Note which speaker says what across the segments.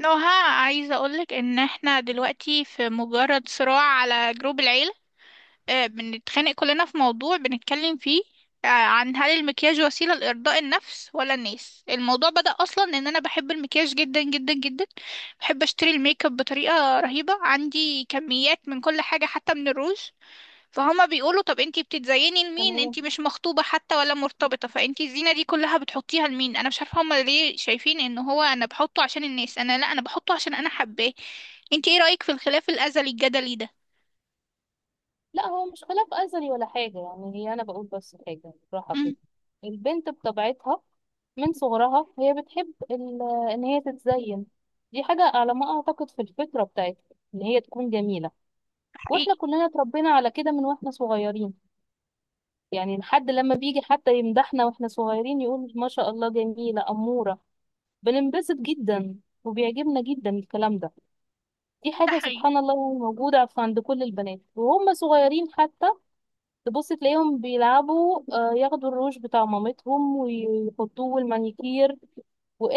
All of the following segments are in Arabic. Speaker 1: نوها، عايزة اقولك ان احنا دلوقتي في مجرد صراع على جروب العيلة. بنتخانق كلنا في موضوع بنتكلم فيه. عن هل المكياج وسيلة لإرضاء النفس ولا الناس؟ الموضوع بدأ أصلا إن أنا بحب المكياج جدا جدا جدا. بحب أشتري الميك اب بطريقة رهيبة، عندي كميات من كل حاجة حتى من الروج. فهما بيقولوا طب انتي بتتزيني لمين؟
Speaker 2: تمام.
Speaker 1: انتي مش مخطوبة حتى ولا مرتبطة، فانتي الزينة دي كلها بتحطيها لمين؟ انا مش عارفة هما ليه شايفين ان هو انا بحطه عشان الناس. انا لا، انا بحطه عشان انا حباه. انتي ايه رأيك في الخلاف الازلي الجدلي ده؟
Speaker 2: لا، هو مش خلاف أزلي ولا حاجة، يعني هي أنا بقول بس حاجة بالراحة
Speaker 1: امم
Speaker 2: كده. البنت بطبيعتها من صغرها هي بتحب إن هي تتزين. دي حاجة على ما أعتقد في الفطرة بتاعتها، إن هي تكون جميلة. وإحنا
Speaker 1: حقيقي.
Speaker 2: كلنا اتربينا على كده من وإحنا صغيرين، يعني لحد لما بيجي حتى يمدحنا وإحنا صغيرين يقول ما شاء الله جميلة أمورة، بننبسط جدا وبيعجبنا جدا الكلام ده. دي
Speaker 1: ده
Speaker 2: حاجة
Speaker 1: حقيقي.
Speaker 2: سبحان الله يعني موجودة عند كل البنات وهم صغيرين حتى. تبص تلاقيهم بيلعبوا، ياخدوا الروج بتاع مامتهم ويحطوه والمانيكير.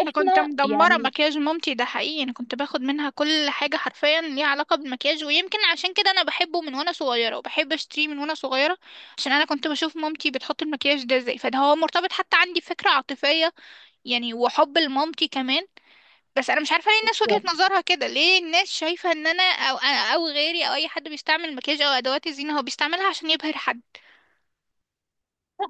Speaker 1: انا كنت مدمرة
Speaker 2: يعني
Speaker 1: مكياج مامتي، ده حقيقي. انا كنت باخد منها كل حاجة حرفيا ليها علاقة بالمكياج، ويمكن عشان كده انا بحبه من وانا صغيرة وبحب اشتريه من وانا صغيرة. عشان انا كنت بشوف مامتي بتحط المكياج ده ازاي، فده هو مرتبط حتى عندي فكرة عاطفية، يعني وحب لمامتي كمان. بس انا مش عارفه ليه الناس وجهة
Speaker 2: لا،
Speaker 1: نظرها كده، ليه الناس شايفه ان انا او غيري او اي حد بيستعمل مكياج او ادوات الزينه هو بيستعملها عشان يبهر حد.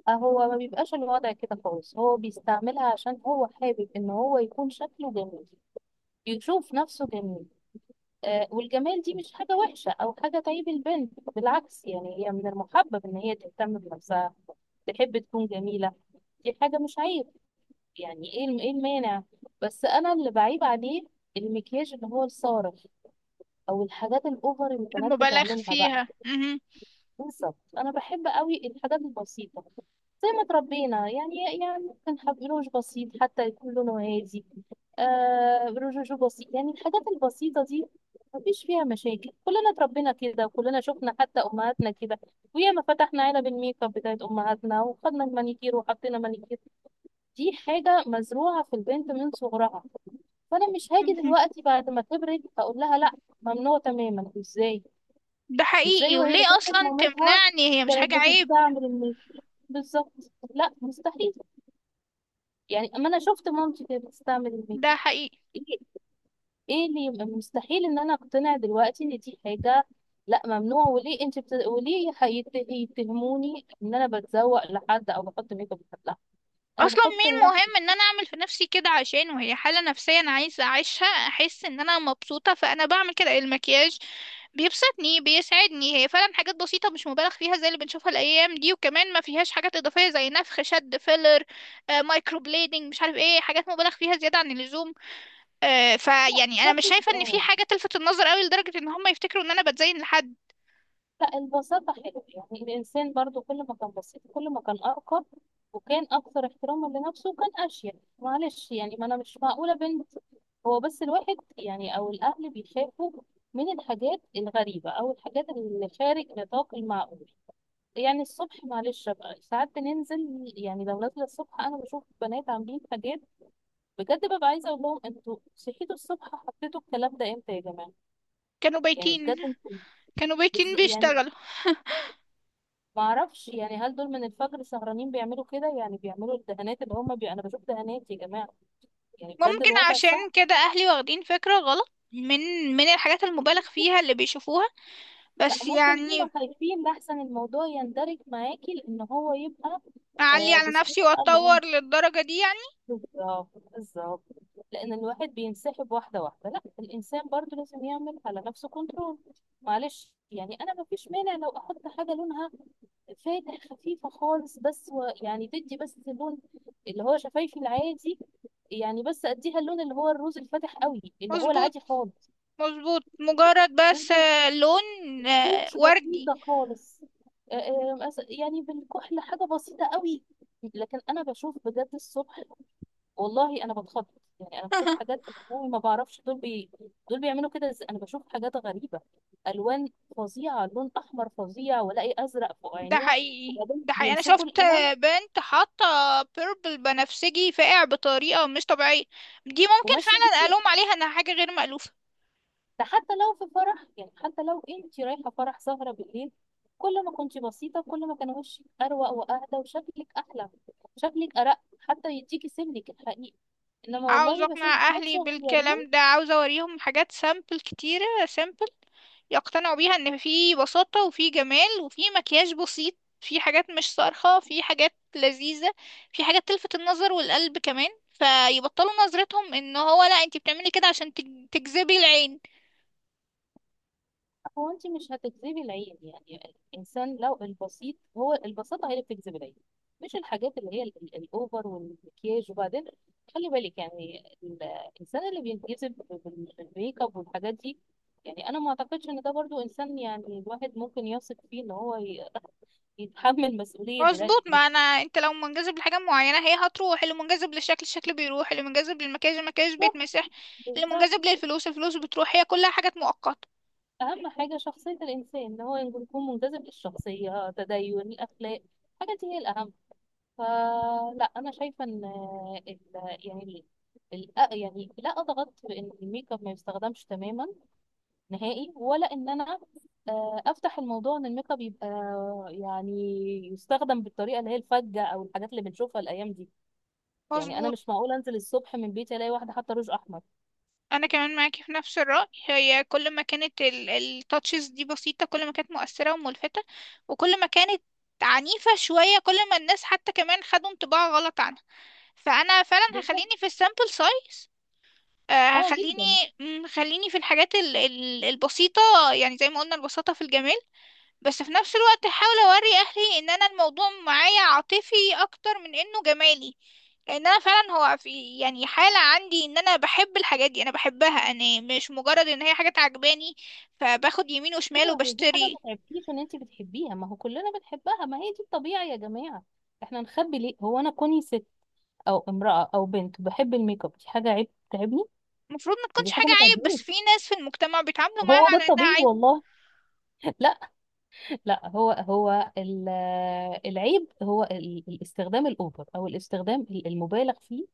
Speaker 2: هو ما بيبقاش الوضع كده خالص، هو بيستعملها عشان هو حابب ان هو يكون شكله جميل، يشوف نفسه جميل. آه، والجمال دي مش حاجة وحشة او حاجة تعيب البنت، بالعكس يعني هي من المحبب ان هي تهتم بنفسها، تحب تكون جميلة. دي حاجة مش عيب. يعني ايه ايه المانع؟ بس انا اللي بعيب عليه المكياج اللي هو الصارخ، او الحاجات الاوفر اللي البنات
Speaker 1: المبالغ
Speaker 2: بتعملها بقى.
Speaker 1: فيها مهم.
Speaker 2: بالظبط، انا بحب قوي الحاجات البسيطه زي ما اتربينا يعني. يعني ممكن حب روج بسيط حتى يكون لونه هادي، آه روج بسيط، يعني الحاجات البسيطه دي مفيش فيها مشاكل. كلنا اتربينا كده وكلنا شفنا حتى امهاتنا كده، وياما فتحنا علب الميك اب بتاعت امهاتنا وخدنا المانيكير وحطينا مانيكير. دي حاجه مزروعه في البنت من صغرها، فانا مش هاجي
Speaker 1: مهم.
Speaker 2: دلوقتي بعد ما كبرت هقول لها لا، ممنوع تماما، ازاي؟
Speaker 1: ده
Speaker 2: ازاي
Speaker 1: حقيقي،
Speaker 2: وهي
Speaker 1: وليه
Speaker 2: شافت
Speaker 1: اصلا
Speaker 2: مامتها
Speaker 1: تمنعني؟ هي مش حاجه
Speaker 2: كانت
Speaker 1: عيب.
Speaker 2: بتستعمل الميك اب؟ بالظبط، لا مستحيل. يعني اما انا شفت مامتي كانت بتستعمل الميك
Speaker 1: ده
Speaker 2: اب،
Speaker 1: حقيقي.
Speaker 2: ايه؟ ايه اللي يبقى مستحيل ان انا اقتنع دلوقتي ان دي حاجه لا ممنوع؟ وليه انت وليه يتهموني ان انا بتزوق لحد او بحط ميك اب لحد؟ لا، انا
Speaker 1: اصلا
Speaker 2: بحط
Speaker 1: مين
Speaker 2: لنفسي.
Speaker 1: مهم ان انا اعمل في نفسي كده، عشان وهي حاله نفسيه انا عايزه اعيشها، احس ان انا مبسوطه فانا بعمل كده. المكياج بيبسطني بيسعدني، هي فعلا حاجات بسيطة مش مبالغ فيها زي اللي بنشوفها الأيام دي، وكمان ما فيهاش حاجات إضافية زي نفخ شد فيلر، مايكرو بليدنج، مش عارف ايه، حاجات مبالغ فيها زيادة عن اللزوم. فيعني أنا مش شايفة إن في
Speaker 2: اه،
Speaker 1: حاجة تلفت النظر أوي لدرجة إن هم يفتكروا إن أنا بتزين لحد.
Speaker 2: لا البساطة حلوة، يعني الإنسان برضو كل ما كان بسيط كل ما كان أرقى، وكان أكثر احتراما لنفسه وكان أشيك. معلش يعني، ما أنا مش معقولة بنت. هو بس الواحد يعني أو الأهل بيخافوا من الحاجات الغريبة أو الحاجات اللي خارج نطاق المعقول. يعني الصبح معلش بقى، ساعات بننزل يعني لو نازلة الصبح، أنا بشوف بنات عاملين حاجات بجد ببقى عايزة أقول لهم أنتوا صحيتوا الصبح حطيتوا الكلام ده إمتى يا جماعة؟
Speaker 1: كانوا
Speaker 2: يعني
Speaker 1: بايتين
Speaker 2: بجد أنتوا،
Speaker 1: كانوا بايتين
Speaker 2: يعني
Speaker 1: بيشتغلوا.
Speaker 2: ما اعرفش، يعني هل دول من الفجر سهرانين بيعملوا كده؟ يعني بيعملوا الدهانات اللي هم انا بشوف دهانات يا جماعه. يعني بجد
Speaker 1: ممكن
Speaker 2: الوضع
Speaker 1: عشان
Speaker 2: صعب.
Speaker 1: كده أهلي واخدين فكرة غلط من الحاجات المبالغ فيها اللي بيشوفوها،
Speaker 2: لا،
Speaker 1: بس
Speaker 2: ممكن
Speaker 1: يعني
Speaker 2: هم خايفين لحسن الموضوع يندرج معاكي، لان هو يبقى
Speaker 1: أعلي
Speaker 2: آه
Speaker 1: على
Speaker 2: بصورة
Speaker 1: نفسي
Speaker 2: بقى اللي هم،
Speaker 1: وأتطور للدرجة دي يعني.
Speaker 2: بالظبط بالظبط. لان الواحد بينسحب واحده واحده، لا الانسان برضو لازم يعمل على نفسه كنترول. معلش يعني، انا ما فيش مانع لو احط حاجه لونها فاتح خفيفه خالص بس يعني تدي بس اللون اللي هو شفايفي العادي، يعني بس اديها اللون اللي هو الروز الفاتح قوي اللي هو
Speaker 1: مظبوط.
Speaker 2: العادي خالص.
Speaker 1: مظبوط مجرد بس
Speaker 2: لازم
Speaker 1: لون
Speaker 2: تكونش
Speaker 1: وردي.
Speaker 2: بسيطه خالص. يعني بالكحل حاجه بسيطه قوي. لكن انا بشوف بجد الصبح، والله انا بتخض، يعني انا بشوف حاجات والله ما بعرفش دول دول بيعملوا كده ازاي. انا بشوف حاجات غريبه، الوان فظيعه، لون احمر فظيع والاقي ازرق فوق
Speaker 1: ده
Speaker 2: عينيها،
Speaker 1: حقيقي.
Speaker 2: وبعدين
Speaker 1: ده حقيقي، انا
Speaker 2: بيمسكوا
Speaker 1: شفت
Speaker 2: القلم
Speaker 1: بنت حاطه بيربل بنفسجي فاقع بطريقه مش طبيعيه. دي ممكن
Speaker 2: وماشي
Speaker 1: فعلا الوم
Speaker 2: بيه.
Speaker 1: عليها انها حاجه غير مألوفه.
Speaker 2: ده حتى لو في فرح، يعني حتى لو انت رايحة فرح سهرة بالليل، كل ما كنت بسيطة كل ما كان وشك أروق وأهدى وشكلك أحلى، شكلك أرق، حتى يديكي سمنك الحقيقي. إنما
Speaker 1: عاوز
Speaker 2: والله بشوف
Speaker 1: اقنع
Speaker 2: ناس
Speaker 1: اهلي
Speaker 2: صغيرين.
Speaker 1: بالكلام ده، عاوز اوريهم حاجات سامبل، كتيرة سامبل يقتنعوا بيها ان في بساطة وفي جمال وفي مكياج بسيط، في حاجات مش صارخة، في حاجات لذيذة، في حاجات تلفت النظر والقلب كمان، فيبطلوا نظرتهم ان هو لا انت بتعملي كده عشان تجذبي العين.
Speaker 2: هو انت مش هتجذبي العين، يعني الانسان لو البسيط، هو البساطه هي اللي بتجذب العين، مش الحاجات اللي هي الاوفر والمكياج. وبعدين خلي بالك يعني الانسان اللي بينجذب بالميك اب والحاجات دي، يعني انا ما اعتقدش ان ده برضو انسان يعني الواحد ممكن يثق فيه ان هو يتحمل مسؤوليه
Speaker 1: مظبوط،
Speaker 2: دلوقتي.
Speaker 1: ما انا انت لو منجذب لحاجة معينة هي هتروح. اللي منجذب للشكل، الشكل بيروح. اللي منجذب للمكياج، المكياج بيتمسح.
Speaker 2: بالظبط،
Speaker 1: اللي
Speaker 2: بالظبط.
Speaker 1: منجذب للفلوس، الفلوس بتروح. هي كلها حاجات مؤقتة.
Speaker 2: اهم حاجه شخصيه الانسان ان هو يكون منجذب للشخصيه، تدين، الاخلاق، الحاجات دي هي الاهم. فلا انا شايفه ان يعني يعني لا اضغط بان الميك اب ما يستخدمش تماما نهائي، ولا ان انا افتح الموضوع ان الميك اب يبقى يعني يستخدم بالطريقه اللي هي الفجه او الحاجات اللي بنشوفها الايام دي. يعني انا
Speaker 1: مظبوط.
Speaker 2: مش معقول انزل الصبح من بيتي الاقي واحده حاطه روج احمر.
Speaker 1: انا كمان معاكي في نفس الرأي، هي كل ما كانت التاتشز دي بسيطة كل ما كانت مؤثرة وملفتة، وكل ما كانت عنيفة شوية كل ما الناس حتى كمان خدوا انطباع غلط عنها. فانا فعلا
Speaker 2: بالظبط.
Speaker 1: هخليني في السامبل سايز،
Speaker 2: اه
Speaker 1: هخليني
Speaker 2: جدا.
Speaker 1: خليني في الحاجات البسيطة. يعني زي ما قلنا، البساطة في الجمال. بس في نفس الوقت هحاول اوري اهلي ان انا الموضوع معايا عاطفي اكتر من انه جمالي، ان انا فعلا هو في يعني حالة عندي ان انا بحب الحاجات دي، انا بحبها، انا مش مجرد ان هي حاجة عجباني فباخد يمين وشمال
Speaker 2: ايوه، هي دي حاجه ما
Speaker 1: وبشتري.
Speaker 2: تعبتيش ان انت بتحبيها، ما هو كلنا بنحبها، ما هي دي الطبيعي يا جماعه. احنا نخبي ليه؟ هو انا كوني ست او امرأة او بنت بحب الميك اب دي حاجة عيب تعبني؟
Speaker 1: المفروض ما
Speaker 2: يعني
Speaker 1: تكونش
Speaker 2: دي حاجة
Speaker 1: حاجة
Speaker 2: ما
Speaker 1: عيب، بس
Speaker 2: تعبنيش،
Speaker 1: في ناس في المجتمع بيتعاملوا معاها
Speaker 2: هو ده
Speaker 1: على انها
Speaker 2: الطبيعي
Speaker 1: عيب.
Speaker 2: والله. لا. لا هو هو العيب هو الاستخدام الاوفر او الاستخدام المبالغ فيه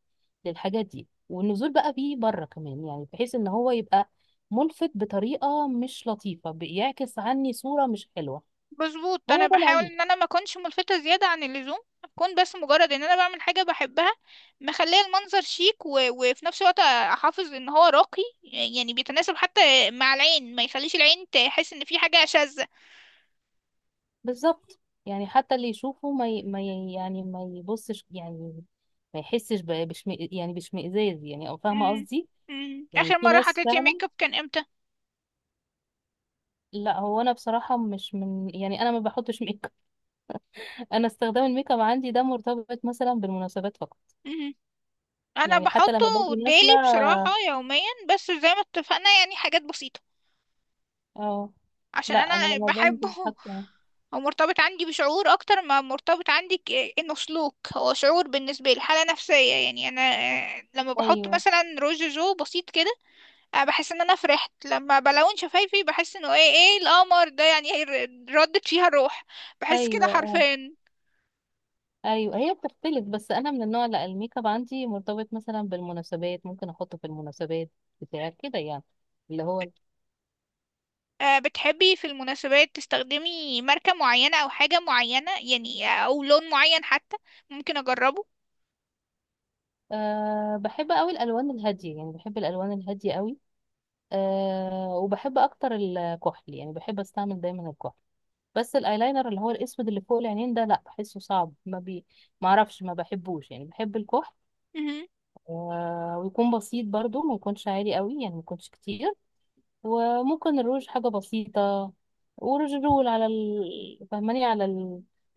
Speaker 2: للحاجات دي، والنزول بقى بيه بره كمان، يعني بحيث ان هو يبقى ملفت بطريقة مش لطيفة، بيعكس عني صورة مش حلوة.
Speaker 1: مظبوط، انا
Speaker 2: هو ده
Speaker 1: بحاول
Speaker 2: العيب.
Speaker 1: ان انا ما اكونش ملفتة زيادة عن اللزوم، اكون بس مجرد ان انا بعمل حاجة بحبها، مخليه المنظر شيك وفي نفس الوقت احافظ ان هو راقي، يعني بيتناسب حتى مع العين، ما يخليش العين تحس ان في حاجة شاذة.
Speaker 2: بالظبط، يعني حتى اللي يشوفه ما ي... ما ي... يعني ما يبصش، يعني ما يحسش يعني باشمئزاز، يعني او فاهمه
Speaker 1: مم.
Speaker 2: قصدي.
Speaker 1: مم.
Speaker 2: يعني
Speaker 1: اخر
Speaker 2: في
Speaker 1: مرة
Speaker 2: ناس
Speaker 1: حطيتي
Speaker 2: فعلا.
Speaker 1: ميك اب كان امتى؟
Speaker 2: لا، هو انا بصراحه مش من، يعني انا ما بحطش ميك اب انا استخدام الميك اب عندي ده مرتبط مثلا بالمناسبات فقط.
Speaker 1: مهم. انا
Speaker 2: يعني حتى
Speaker 1: بحطه
Speaker 2: لما باجي نازله،
Speaker 1: ديلي بصراحة يوميا، بس زي ما اتفقنا يعني حاجات بسيطة،
Speaker 2: اه
Speaker 1: عشان
Speaker 2: لا انا
Speaker 1: انا
Speaker 2: لما
Speaker 1: بحبه.
Speaker 2: بنزل حتى،
Speaker 1: هو مرتبط عندي بشعور اكتر ما مرتبط عندي انه سلوك، هو شعور بالنسبة لي، حالة نفسية يعني. انا لما بحط
Speaker 2: ايوه،
Speaker 1: مثلا روج جو بسيط كده بحس ان انا فرحت، لما بلون شفايفي بحس انه ايه، ايه القمر ده يعني، إيه ردت فيها الروح. بحس كده
Speaker 2: ايوه، اه.
Speaker 1: حرفيا.
Speaker 2: ايوه، هي بتختلف، بس انا من النوع، لا الميك اب عندي مرتبط مثلا بالمناسبات، ممكن احطه في المناسبات بتاع كده يعني، اللي هو،
Speaker 1: بتحبي في المناسبات تستخدمي ماركة معينة أو حاجة معينة يعني، أو لون معين حتى ممكن أجربه؟
Speaker 2: أه بحب قوي الالوان الهاديه، يعني بحب الالوان الهاديه قوي. أه وبحب اكتر الكحل، يعني بحب استعمل دايما الكحل، بس الايلاينر اللي هو الاسود اللي فوق العينين ده لا، بحسه صعب، ما اعرفش، ما بحبوش، يعني بحب الكحل.
Speaker 1: مهم.
Speaker 2: أه ويكون بسيط برضو، ما يكونش عالي قوي، يعني ما يكونش كتير. وممكن الروج حاجة بسيطة، وروج رول على فهماني، على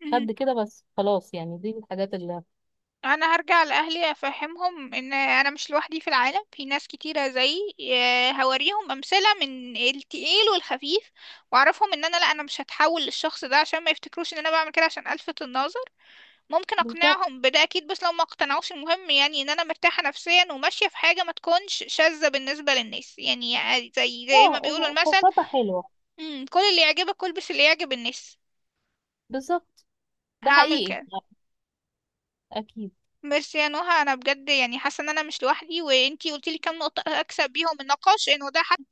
Speaker 1: مهم.
Speaker 2: كده بس خلاص، يعني دي الحاجات اللي،
Speaker 1: أنا هرجع لأهلي أفهمهم إن أنا مش لوحدي في العالم، في ناس كتيرة زيي. هوريهم أمثلة من التقيل والخفيف، وأعرفهم إن أنا لأ، أنا مش هتحول للشخص ده، عشان ما يفتكروش إن أنا بعمل كده عشان ألفت النظر. ممكن
Speaker 2: بالظبط،
Speaker 1: اقنعهم بده اكيد، بس لو ما اقتنعوش المهم يعني ان انا مرتاحة نفسيا وماشية في حاجة ما تكونش شاذة بالنسبة للناس، يعني عادي، زي ما بيقولوا
Speaker 2: اه
Speaker 1: المثل.
Speaker 2: بساطة حلوة.
Speaker 1: كل اللي يعجبك البس اللي يعجب الناس.
Speaker 2: بالظبط، ده
Speaker 1: هعمل
Speaker 2: حقيقي،
Speaker 1: كده.
Speaker 2: أكيد.
Speaker 1: ميرسي يا نهى، انا بجد يعني حاسة ان انا مش لوحدي، وانتي قلتيلي كام نقطة اكسب بيهم النقاش انه ده